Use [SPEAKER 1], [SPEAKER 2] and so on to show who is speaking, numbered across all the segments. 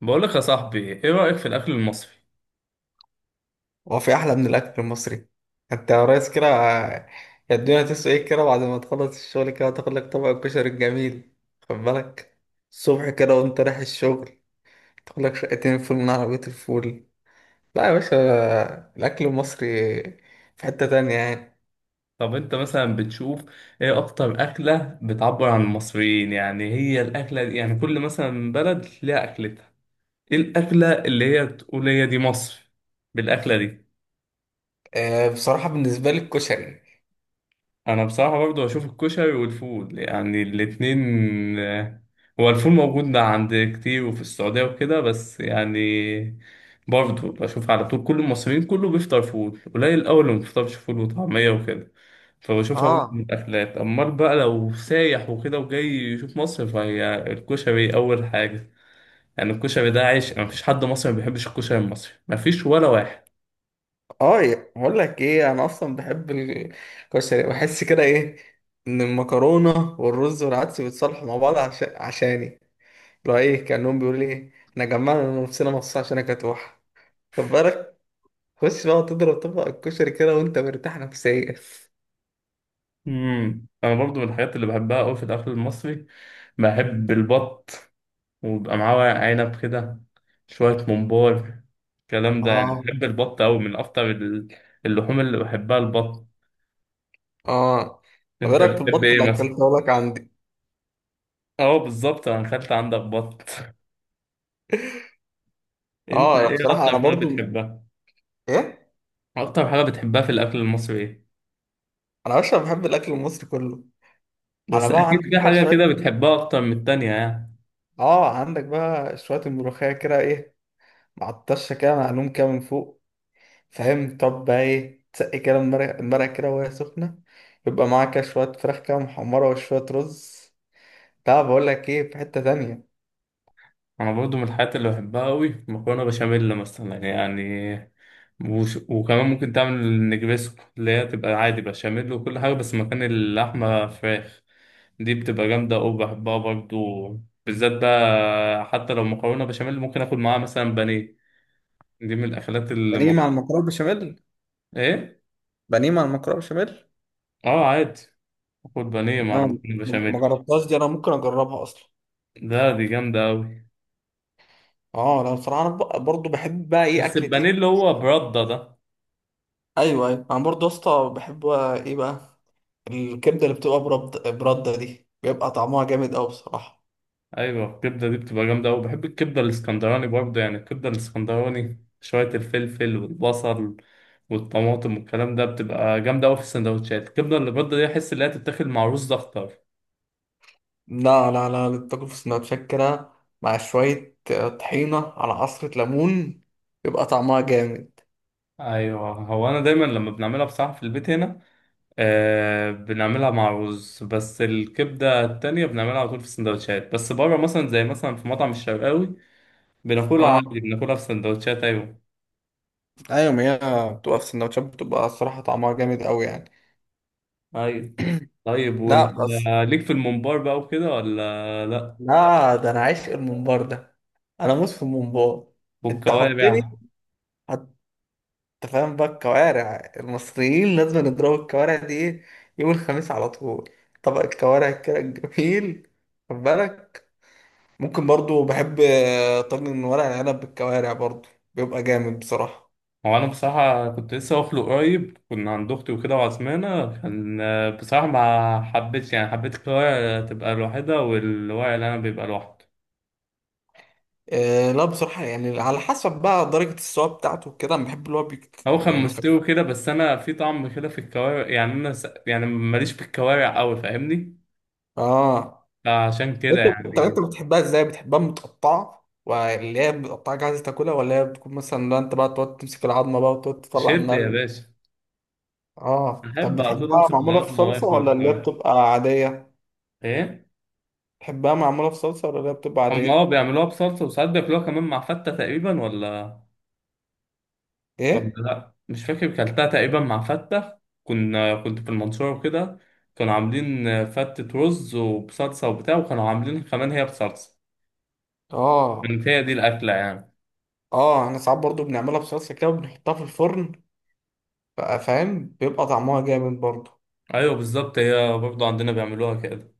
[SPEAKER 1] بقولك يا صاحبي ايه رأيك في الأكل المصري؟
[SPEAKER 2] هو في احلى من الاكل المصري؟ انت يا ريس كده، يا الدنيا تسوى ايه كده، بعد ما تخلص الشغل كده تاخد لك طبق الكشري الجميل. خد بالك، الصبح كده وانت رايح الشغل تاخد لك شقتين فول من عربية الفول. لا يا باشا، الاكل المصري في حتة تانية يعني.
[SPEAKER 1] طب انت مثلا بتشوف ايه أكتر أكلة بتعبر عن المصريين؟ يعني هي الأكلة دي، يعني كل مثلا بلد ليها أكلتها. ايه الأكلة اللي هي تقول هي دي مصر بالأكلة دي؟
[SPEAKER 2] آه، بصراحة بالنسبة لي الكشري.
[SPEAKER 1] أنا بصراحة برضو أشوف الكشري والفول، يعني الاتنين. آه، هو الفول موجود ده عند كتير وفي السعودية وكده، بس يعني برضو بشوف على طول كل المصريين، كله بيفطر فول، قليل أوي اللي ما بيفطرش فول وطعمية وكده. فبشوفها برضه من
[SPEAKER 2] اه.
[SPEAKER 1] الأكلات. أمال بقى لو سايح وكده وجاي يشوف مصر، فهي الكشري أول حاجة. يعني الكشري ده عيش، مفيش حد مصري ما بيحبش الكشري المصري، مفيش ولا واحد.
[SPEAKER 2] اه، بقول لك ايه، انا اصلا بحب الكشري، بحس كده ايه ان المكرونة والرز والعدس بيتصالحوا مع بعض عشان عشاني، لو ايه كأنهم بيقولوا لي ايه، احنا جمعنا نفسنا مصاص عشان اكتوح. خد بالك، خش بقى تضرب طبق الكشري كده وانت مرتاح نفسيا.
[SPEAKER 1] أنا برضو من الحاجات اللي بحبها أوي في الأكل المصري بحب البط، ويبقى معاه ورق عنب كده، شوية ممبار، الكلام ده. يعني
[SPEAKER 2] اه.
[SPEAKER 1] بحب البط أوي، من أكتر اللحوم اللي بحبها البط.
[SPEAKER 2] اه. طب ايه
[SPEAKER 1] أنت
[SPEAKER 2] رايك في البط
[SPEAKER 1] بتحب
[SPEAKER 2] اللي
[SPEAKER 1] إيه مثلا؟
[SPEAKER 2] اكلته لك عندي؟
[SPEAKER 1] أه بالظبط، أنا أكلت عندك بط. أنت
[SPEAKER 2] اه، انا
[SPEAKER 1] إيه
[SPEAKER 2] بصراحه
[SPEAKER 1] أكتر
[SPEAKER 2] انا
[SPEAKER 1] حاجة
[SPEAKER 2] برضو،
[SPEAKER 1] بتحبها؟
[SPEAKER 2] ايه،
[SPEAKER 1] أكتر حاجة بتحبها في الأكل المصري إيه؟
[SPEAKER 2] انا بشرب بحب الاكل المصري كله. على
[SPEAKER 1] بس
[SPEAKER 2] بقى
[SPEAKER 1] أكيد
[SPEAKER 2] عندك
[SPEAKER 1] في
[SPEAKER 2] بقى
[SPEAKER 1] حاجة كده
[SPEAKER 2] شويه،
[SPEAKER 1] بتحبها أكتر من التانية يعني.
[SPEAKER 2] اه عندك بقى شويه الملوخيه كده ايه، مع الطشه كده معلوم كده من فوق، فاهم؟ طب بقى ايه، تسقي كده المرق، المرق كده وهي سخنه، يبقى معاك كده شويه فراخ كده محمره وشويه رز. طب بقول لك ايه، في حتة تانية.
[SPEAKER 1] أنا برضو من الحاجات اللي بحبها أوي مكرونة بشاميل مثلا يعني. وكمان ممكن تعمل النجريسكو، اللي هي تبقى عادي بشاميل وكل حاجة بس مكان اللحمة فراخ. دي بتبقى جامدة أوي، بحبها برضو. بالذات بقى حتى لو مكرونة بشاميل، ممكن آكل معاها مثلا بانيه. دي من الأكلات اللي
[SPEAKER 2] بانيه
[SPEAKER 1] مو...
[SPEAKER 2] مع المكرونه بشاميل.
[SPEAKER 1] إيه؟
[SPEAKER 2] بانيه مع المكرونه بشاميل.
[SPEAKER 1] آه عادي، آكل بانيه مع
[SPEAKER 2] انا،
[SPEAKER 1] المكرونة
[SPEAKER 2] ما
[SPEAKER 1] بشاميل.
[SPEAKER 2] جربتهاش دي، انا ممكن اجربها اصلا.
[SPEAKER 1] ده دي جامدة أوي.
[SPEAKER 2] اه، انا بصراحة انا برضو بحب بقى ايه،
[SPEAKER 1] بس
[SPEAKER 2] اكلة
[SPEAKER 1] البانيه
[SPEAKER 2] ايه.
[SPEAKER 1] اللي هو برده ده،
[SPEAKER 2] ايوه ايوه، انا برضه يا اسطى بحب بقى ايه بقى، الكبده اللي بتبقى، برده دي بيبقى طعمها جامد قوي بصراحه.
[SPEAKER 1] ايوه الكبده دي بتبقى جامده قوي. بحب الكبده الاسكندراني برضه، يعني الكبده الاسكندراني شويه الفلفل والبصل والطماطم والكلام ده، بتبقى جامده قوي في السندوتشات. الكبده اللي برده دي احس ان هي تتاكل مع رز ده اكتر.
[SPEAKER 2] لا لا لا، تاكل في سندوتشات كده مع شوية طحينة على عصرة ليمون، يبقى طعمها جامد.
[SPEAKER 1] ايوه هو انا دايما لما بنعملها بصراحه في البيت هنا، آه بنعملها مع رز. بس الكبده التانية بنعملها على طول في السندوتشات، بس بره مثلا زي مثلا في مطعم الشرقاوي بناكلها عادي،
[SPEAKER 2] اه
[SPEAKER 1] بناكلها في سندوتشات. ايوه،
[SPEAKER 2] ايوه، ما هي بتبقى في السندوتشات بتبقى الصراحه طعمها جامد قوي يعني.
[SPEAKER 1] ايوه. طيب
[SPEAKER 2] لا
[SPEAKER 1] وانت
[SPEAKER 2] بس.
[SPEAKER 1] ليك في الممبار بقى وكده ولا لا؟
[SPEAKER 2] لا ده انا عايش الممبار ده، انا موس في الممبار. انت
[SPEAKER 1] والكوارع؟
[SPEAKER 2] حطني. هت- انت فاهم بقى، الكوارع المصريين لازم نضرب الكوارع دي ايه، يوم الخميس على طول، طبق الكوارع كده الجميل. خد بالك. ممكن برضو بحب طاجن ورق العنب بالكوارع برضو، بيبقى جامد بصراحة.
[SPEAKER 1] هو انا بصراحه كنت لسه واكله قريب، كنا عند اختي وكده وعزمانه كان. بصراحه ما حبيتش، يعني حبيت الكوارع تبقى لوحدها والورق اللي انا بيبقى لوحده.
[SPEAKER 2] آه لا، بصراحة يعني على حسب بقى درجة السوا بتاعته كده، انا بحب اللي هو بيك
[SPEAKER 1] هو كان
[SPEAKER 2] يعني، فاهم؟
[SPEAKER 1] مستوي كده، بس انا في طعم كده في الكوارع، يعني انا يعني ماليش في الكوارع قوي فاهمني،
[SPEAKER 2] اه.
[SPEAKER 1] عشان كده
[SPEAKER 2] انت الطريقة
[SPEAKER 1] يعني.
[SPEAKER 2] اللي بتحبها ازاي؟ بتحبها متقطعة، واللي هي متقطعة جاهزة تاكلها، ولا هي بتكون مثلا، لا انت بقى تقعد تمسك العظمة بقى وتقعد تطلع
[SPEAKER 1] شد
[SPEAKER 2] منها
[SPEAKER 1] يا باشا.
[SPEAKER 2] اه، طب
[SPEAKER 1] بحب على طول
[SPEAKER 2] بتحبها
[SPEAKER 1] امسك
[SPEAKER 2] معمولة
[SPEAKER 1] الغلط
[SPEAKER 2] في
[SPEAKER 1] ما
[SPEAKER 2] صلصة،
[SPEAKER 1] واكل
[SPEAKER 2] ولا اللي هي
[SPEAKER 1] الكوارع.
[SPEAKER 2] بتبقى عادية؟
[SPEAKER 1] ايه؟
[SPEAKER 2] بتحبها معمولة في صلصة، ولا اللي هي بتبقى
[SPEAKER 1] هم اه،
[SPEAKER 2] عادية؟
[SPEAKER 1] بيعملوها بصلصه، وساعات بياكلوها كمان مع فته تقريبا، ولا ولا
[SPEAKER 2] ايه.
[SPEAKER 1] لا، مش فاكر. كلتها تقريبا مع فتة، كنا كنت في المنصورة وكده، كانوا عاملين فتة رز وبصلصة وبتاع، وكانوا عاملين كمان هي بصلصة.
[SPEAKER 2] اه
[SPEAKER 1] كانت هي دي الأكلة يعني.
[SPEAKER 2] اه، احنا ساعات برضو بنعملها بصلصة كده وبنحطها في الفرن بقى، فاهم؟ بيبقى طعمها جامد برضو.
[SPEAKER 1] أيوة بالظبط، هي برضو عندنا بيعملوها كده.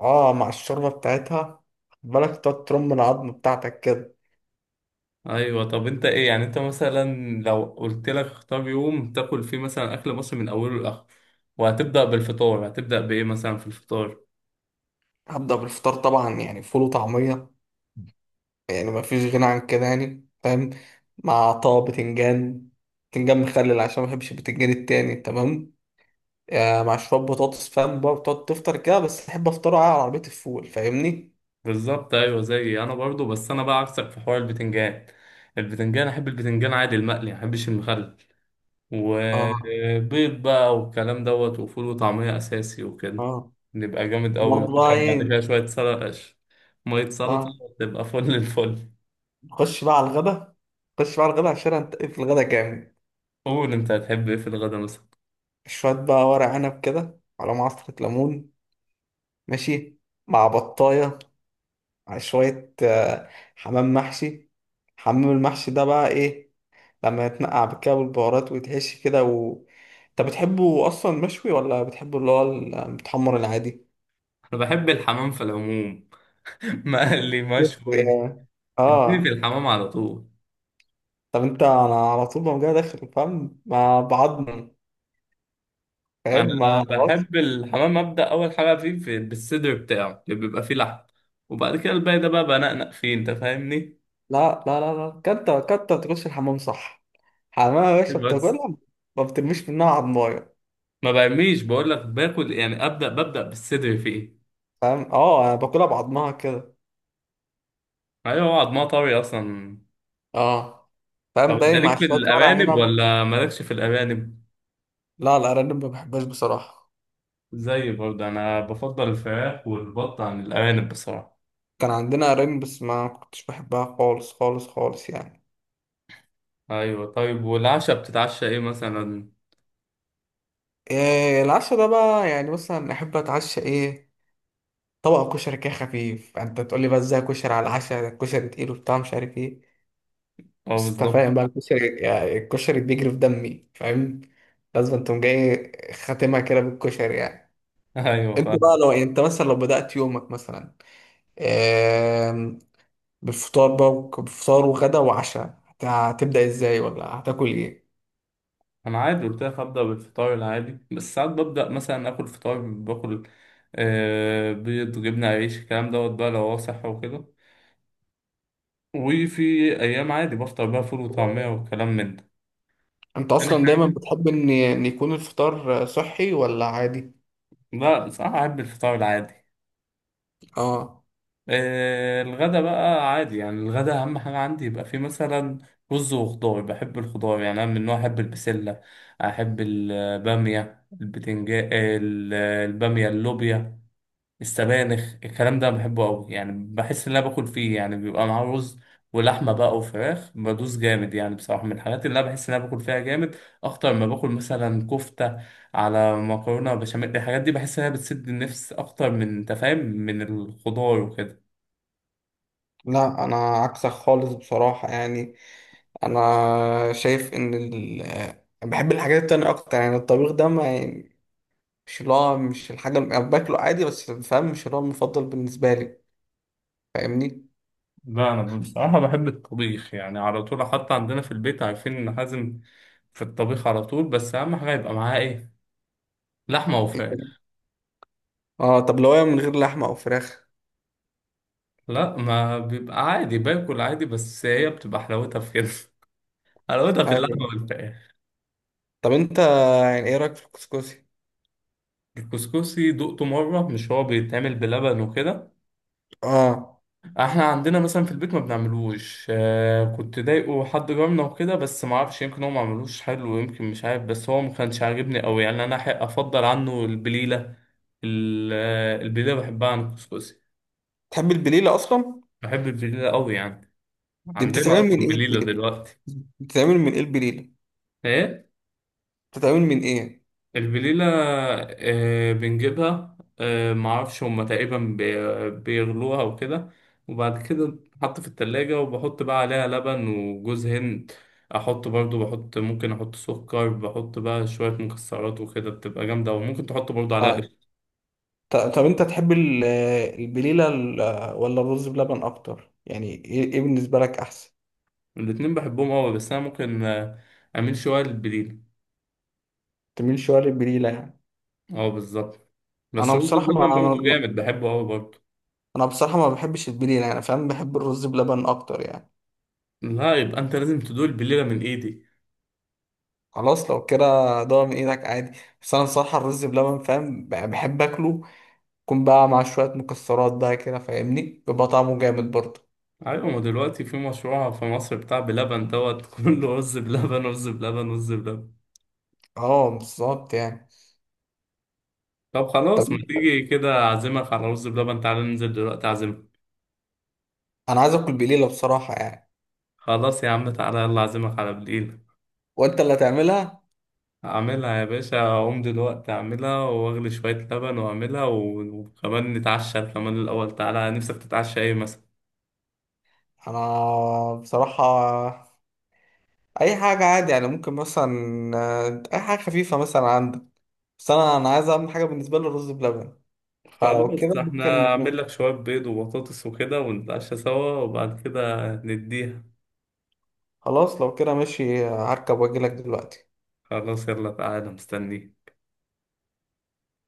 [SPEAKER 2] اه، مع الشوربة بتاعتها، خد بالك تقعد ترم العظم بتاعتك كده.
[SPEAKER 1] أيوة. طب أنت إيه يعني، أنت مثلا لو قلت لك اختار يوم تاكل فيه مثلا أكل مصري من أوله لآخره، وهتبدأ بالفطار، هتبدأ بإيه مثلا في الفطار؟
[SPEAKER 2] هبدأ بالفطار طبعا، يعني فول وطعمية. يعني ما فيش غنى عن كده، يعني فاهم؟ مع طه بتنجان، بتنجان مخلل، عشان ما بحبش البتنجان التاني، تمام؟ مع شوية بطاطس، فاهم بقى، بتقعد تفطر كده، بس أحب أفطره على عربية الفول فاهمني.
[SPEAKER 1] بالظبط أيوة، زيي أنا برضو. بس أنا بقى عكسك في حوار البتنجان، البتنجان أحب البتنجان عادي المقلي، ما أحبش المخلل،
[SPEAKER 2] اه
[SPEAKER 1] وبيض بقى والكلام دوت، وفول وطعمية أساسي وكده.
[SPEAKER 2] اه.
[SPEAKER 1] نبقى جامد أوي.
[SPEAKER 2] وبرضه بقى
[SPEAKER 1] تشرب بعد
[SPEAKER 2] إيه.
[SPEAKER 1] كده شوية سلطة، مية سلطة،
[SPEAKER 2] اه.
[SPEAKER 1] تبقى فل الفل.
[SPEAKER 2] نخش بقى على الغدا. نخش بقى على الغدا، عشان هنتقل في الغدا جامد.
[SPEAKER 1] قول أنت هتحب إيه في الغدا مثلا؟
[SPEAKER 2] شوية بقى ورق عنب كده على معصرة ليمون، ماشي، مع بطاية، على شوية حمام محشي. حمام المحشي ده بقى إيه، لما يتنقع بالكده والبهارات ويتحشي كده و، انت بتحبه اصلا مشوي، ولا بتحبه اللي هو المتحمر العادي؟
[SPEAKER 1] أنا بحب الحمام في العموم، مقلي
[SPEAKER 2] بص،
[SPEAKER 1] مشوي،
[SPEAKER 2] اه.
[SPEAKER 1] اديني في
[SPEAKER 2] آه.
[SPEAKER 1] الحمام على طول.
[SPEAKER 2] طب انت، انا على طول ما جاي داخل فاهم ما بعضم، فاهم،
[SPEAKER 1] أنا
[SPEAKER 2] ما خلاص.
[SPEAKER 1] بحب الحمام أبدأ أول حاجة فيه في بالصدر بتاعه اللي بيبقى فيه لحم، وبعد كده الباقي ده بقى بنقنق فيه أنت فاهمني.
[SPEAKER 2] لا لا لا لا، كنت تخش الحمام صح، حمام يا باشا
[SPEAKER 1] بس
[SPEAKER 2] بتاكلها، ما بترميش منها عضمايه،
[SPEAKER 1] ما بعمليش، بقول لك باكل، يعني أبدأ ببدأ بالصدر فيه.
[SPEAKER 2] فاهم؟ اه انا باكلها بعضمها كده.
[SPEAKER 1] ايوه هو عضمها طري اصلا.
[SPEAKER 2] اه. فاهم
[SPEAKER 1] طب انت
[SPEAKER 2] باين، مع
[SPEAKER 1] ليك في
[SPEAKER 2] شويه ورق
[SPEAKER 1] الارانب
[SPEAKER 2] عنب.
[SPEAKER 1] ولا مالكش في الارانب؟
[SPEAKER 2] لا الارانب ما بحبهاش بصراحه،
[SPEAKER 1] زي برضه انا بفضل الفراخ والبط عن الارانب بصراحه.
[SPEAKER 2] كان عندنا قرايب بس ما كنتش بحبها خالص خالص خالص يعني.
[SPEAKER 1] ايوه. طيب والعشاء بتتعشى ايه مثلا؟
[SPEAKER 2] إيه العشاء ده بقى، يعني مثلا احب اتعشى ايه؟ طبق كشري كده خفيف. يعني انت تقول لي بقى ازاي كشري على العشاء، ده الكشري تقيل وبتاع، مش عارف ايه.
[SPEAKER 1] اه
[SPEAKER 2] بس انت
[SPEAKER 1] بالظبط.
[SPEAKER 2] فاهم بقى الكشري، يعني الكشري بيجري في دمي، فاهم؟ لازم تقوم جاي خاتمها كده بالكشري يعني.
[SPEAKER 1] ايوه
[SPEAKER 2] انت بقى
[SPEAKER 1] فاهم.
[SPEAKER 2] لو يعني، انت مثلا لو بدأت يومك مثلا، إيه، بالفطار بقى بفطار وغدا وعشاء، هتبدأ ازاي، ولا هتاكل ايه؟
[SPEAKER 1] انا عادي قلت لك هبدا بالفطار العادي، بس ساعات ببدا مثلا اكل فطار باكل، آه بيض جبنه عيش الكلام دوت بقى لو هو صحي وكده. وفي ايام عادي بفطر بقى فول وطعميه والكلام من ده.
[SPEAKER 2] انت
[SPEAKER 1] تاني
[SPEAKER 2] اصلا دايما
[SPEAKER 1] حاجه،
[SPEAKER 2] بتحب ان يكون الفطار صحي ولا عادي؟
[SPEAKER 1] لا صراحه احب الفطار العادي.
[SPEAKER 2] اه.
[SPEAKER 1] الغدا بقى عادي، يعني الغدا اهم حاجه عندي يبقى فيه مثلا رز وخضار. بحب الخضار، يعني انا من النوع احب البسله، احب الباميه، البتنجان، الباميه، اللوبيا، السبانخ. الكلام ده بحبه قوي، يعني بحس ان انا باكل فيه، يعني بيبقى معاه رز ولحمه بقى وفراخ، بدوس جامد يعني بصراحه. من الحاجات اللي انا بحس ان انا باكل فيها جامد اكتر ما باكل مثلا كفته على مكرونه بشاميل. الحاجات دي بحس ان هي بتسد النفس اكتر من تفاهم من الخضار وكده.
[SPEAKER 2] لا انا عكسك خالص بصراحة يعني. انا شايف ان ال، بحب الحاجات التانية اكتر، يعني الطبيخ ده ما يعني، مش اللي هو، مش الحاجة اللي أنا باكله عادي بس، فاهم؟ مش اللي هو المفضل بالنسبة لي، فاهمني.
[SPEAKER 1] لا انا بصراحه بحب الطبيخ، يعني على طول، حتى عندنا في البيت عارفين ان حازم في الطبيخ على طول. بس اهم حاجه يبقى معاه ايه، لحمه وفراخ.
[SPEAKER 2] اه، طب لو هي من غير لحمة او فراخ؟
[SPEAKER 1] لا ما بيبقى عادي، باكل عادي، بس هي بتبقى حلاوتها في كده. حلاوتها في اللحمه
[SPEAKER 2] ايوه.
[SPEAKER 1] والفراخ.
[SPEAKER 2] طب انت يعني ايه رأيك في الكسكسي؟
[SPEAKER 1] الكسكسي دقته مره، مش هو بيتعمل بلبن وكده؟
[SPEAKER 2] اه.
[SPEAKER 1] احنا عندنا مثلا في البيت ما بنعملوش. آه كنت ضايقه حد جارنا وكده، بس ما اعرفش، يمكن هو ما عملوش حلو، يمكن مش عارف، بس هو ما كانش عاجبني قوي يعني. انا حق افضل عنه البليله. البليله بحبها عن الكسكسي.
[SPEAKER 2] تحب البليلة اصلا؟
[SPEAKER 1] بحب البليله قوي يعني،
[SPEAKER 2] دي
[SPEAKER 1] عندنا
[SPEAKER 2] بتتعمل من
[SPEAKER 1] اصلا
[SPEAKER 2] ايه؟
[SPEAKER 1] بليله دلوقتي.
[SPEAKER 2] بتتعمل من ايه البليلة؟
[SPEAKER 1] ايه
[SPEAKER 2] بتتعمل من ايه يعني؟
[SPEAKER 1] الفليلة؟ بنجيبها، معرفش هما تقريبا بيغلوها وكده، وبعد كده بتتحط في التلاجة، وبحط بقى عليها لبن وجوز هند، أحط برضو، بحط ممكن أحط سكر، بحط بقى شوية مكسرات وكده، بتبقى جامدة، وممكن تحط برضو عليها
[SPEAKER 2] اه.
[SPEAKER 1] قشطة.
[SPEAKER 2] طب انت تحب البليله ولا الرز بلبن اكتر يعني؟ إيه بالنسبه لك احسن؟
[SPEAKER 1] الاتنين بحبهم أوي، بس أنا ممكن أميل شوية للبليلة.
[SPEAKER 2] تميل شويه للبليله يعني.
[SPEAKER 1] أه بالظبط. بس
[SPEAKER 2] انا
[SPEAKER 1] رز
[SPEAKER 2] بصراحه ما
[SPEAKER 1] بلبن برضو
[SPEAKER 2] انا
[SPEAKER 1] جامد، بحبه أوي برضو.
[SPEAKER 2] أنا بصراحه ما بحبش البليله يعني، فاهم؟ بحب الرز بلبن اكتر يعني.
[SPEAKER 1] لا يبقى أنت لازم تدوق البليلة من إيدي.
[SPEAKER 2] خلاص لو كده، ضاع من ايدك عادي. بس انا بصراحه الرز بلبن فاهم، بحب اكله يكون بقى مع شويه مكسرات بقى كده، فاهمني؟ بيبقى طعمه جامد برضه.
[SPEAKER 1] ايوه ما دلوقتي في مشروع في مصر بتاع بلبن دوت، كله رز بلبن، رز بلبن، رز بلبن.
[SPEAKER 2] اه بالظبط يعني.
[SPEAKER 1] طب
[SPEAKER 2] طب
[SPEAKER 1] خلاص، ما تيجي كده اعزمك على رز بلبن، تعالى ننزل دلوقتي اعزمك.
[SPEAKER 2] انا عايز اكل بليله بصراحه يعني.
[SPEAKER 1] خلاص يا عم، تعالى يلا اعزمك على بالليل.
[SPEAKER 2] وانت اللي هتعملها.
[SPEAKER 1] اعملها يا باشا، اقوم دلوقتي اعملها واغلي شوية لبن واعملها، وكمان نتعشى كمان الاول. تعالى، نفسك تتعشى ايه مثلا؟
[SPEAKER 2] انا بصراحه اي حاجه عادي يعني، ممكن مثلا اي حاجه خفيفه مثلا عندك. بس انا عايز، اهم حاجه بالنسبه لي الرز بلبن. فلو كده
[SPEAKER 1] خلاص احنا
[SPEAKER 2] ممكن.
[SPEAKER 1] اعمل لك شوية بيض وبطاطس وكده ونتعشى سوا، وبعد كده نديها.
[SPEAKER 2] خلاص لو كده ماشي، هركب واجي لك دلوقتي.
[SPEAKER 1] خلاص يلا تعالى مستنيك.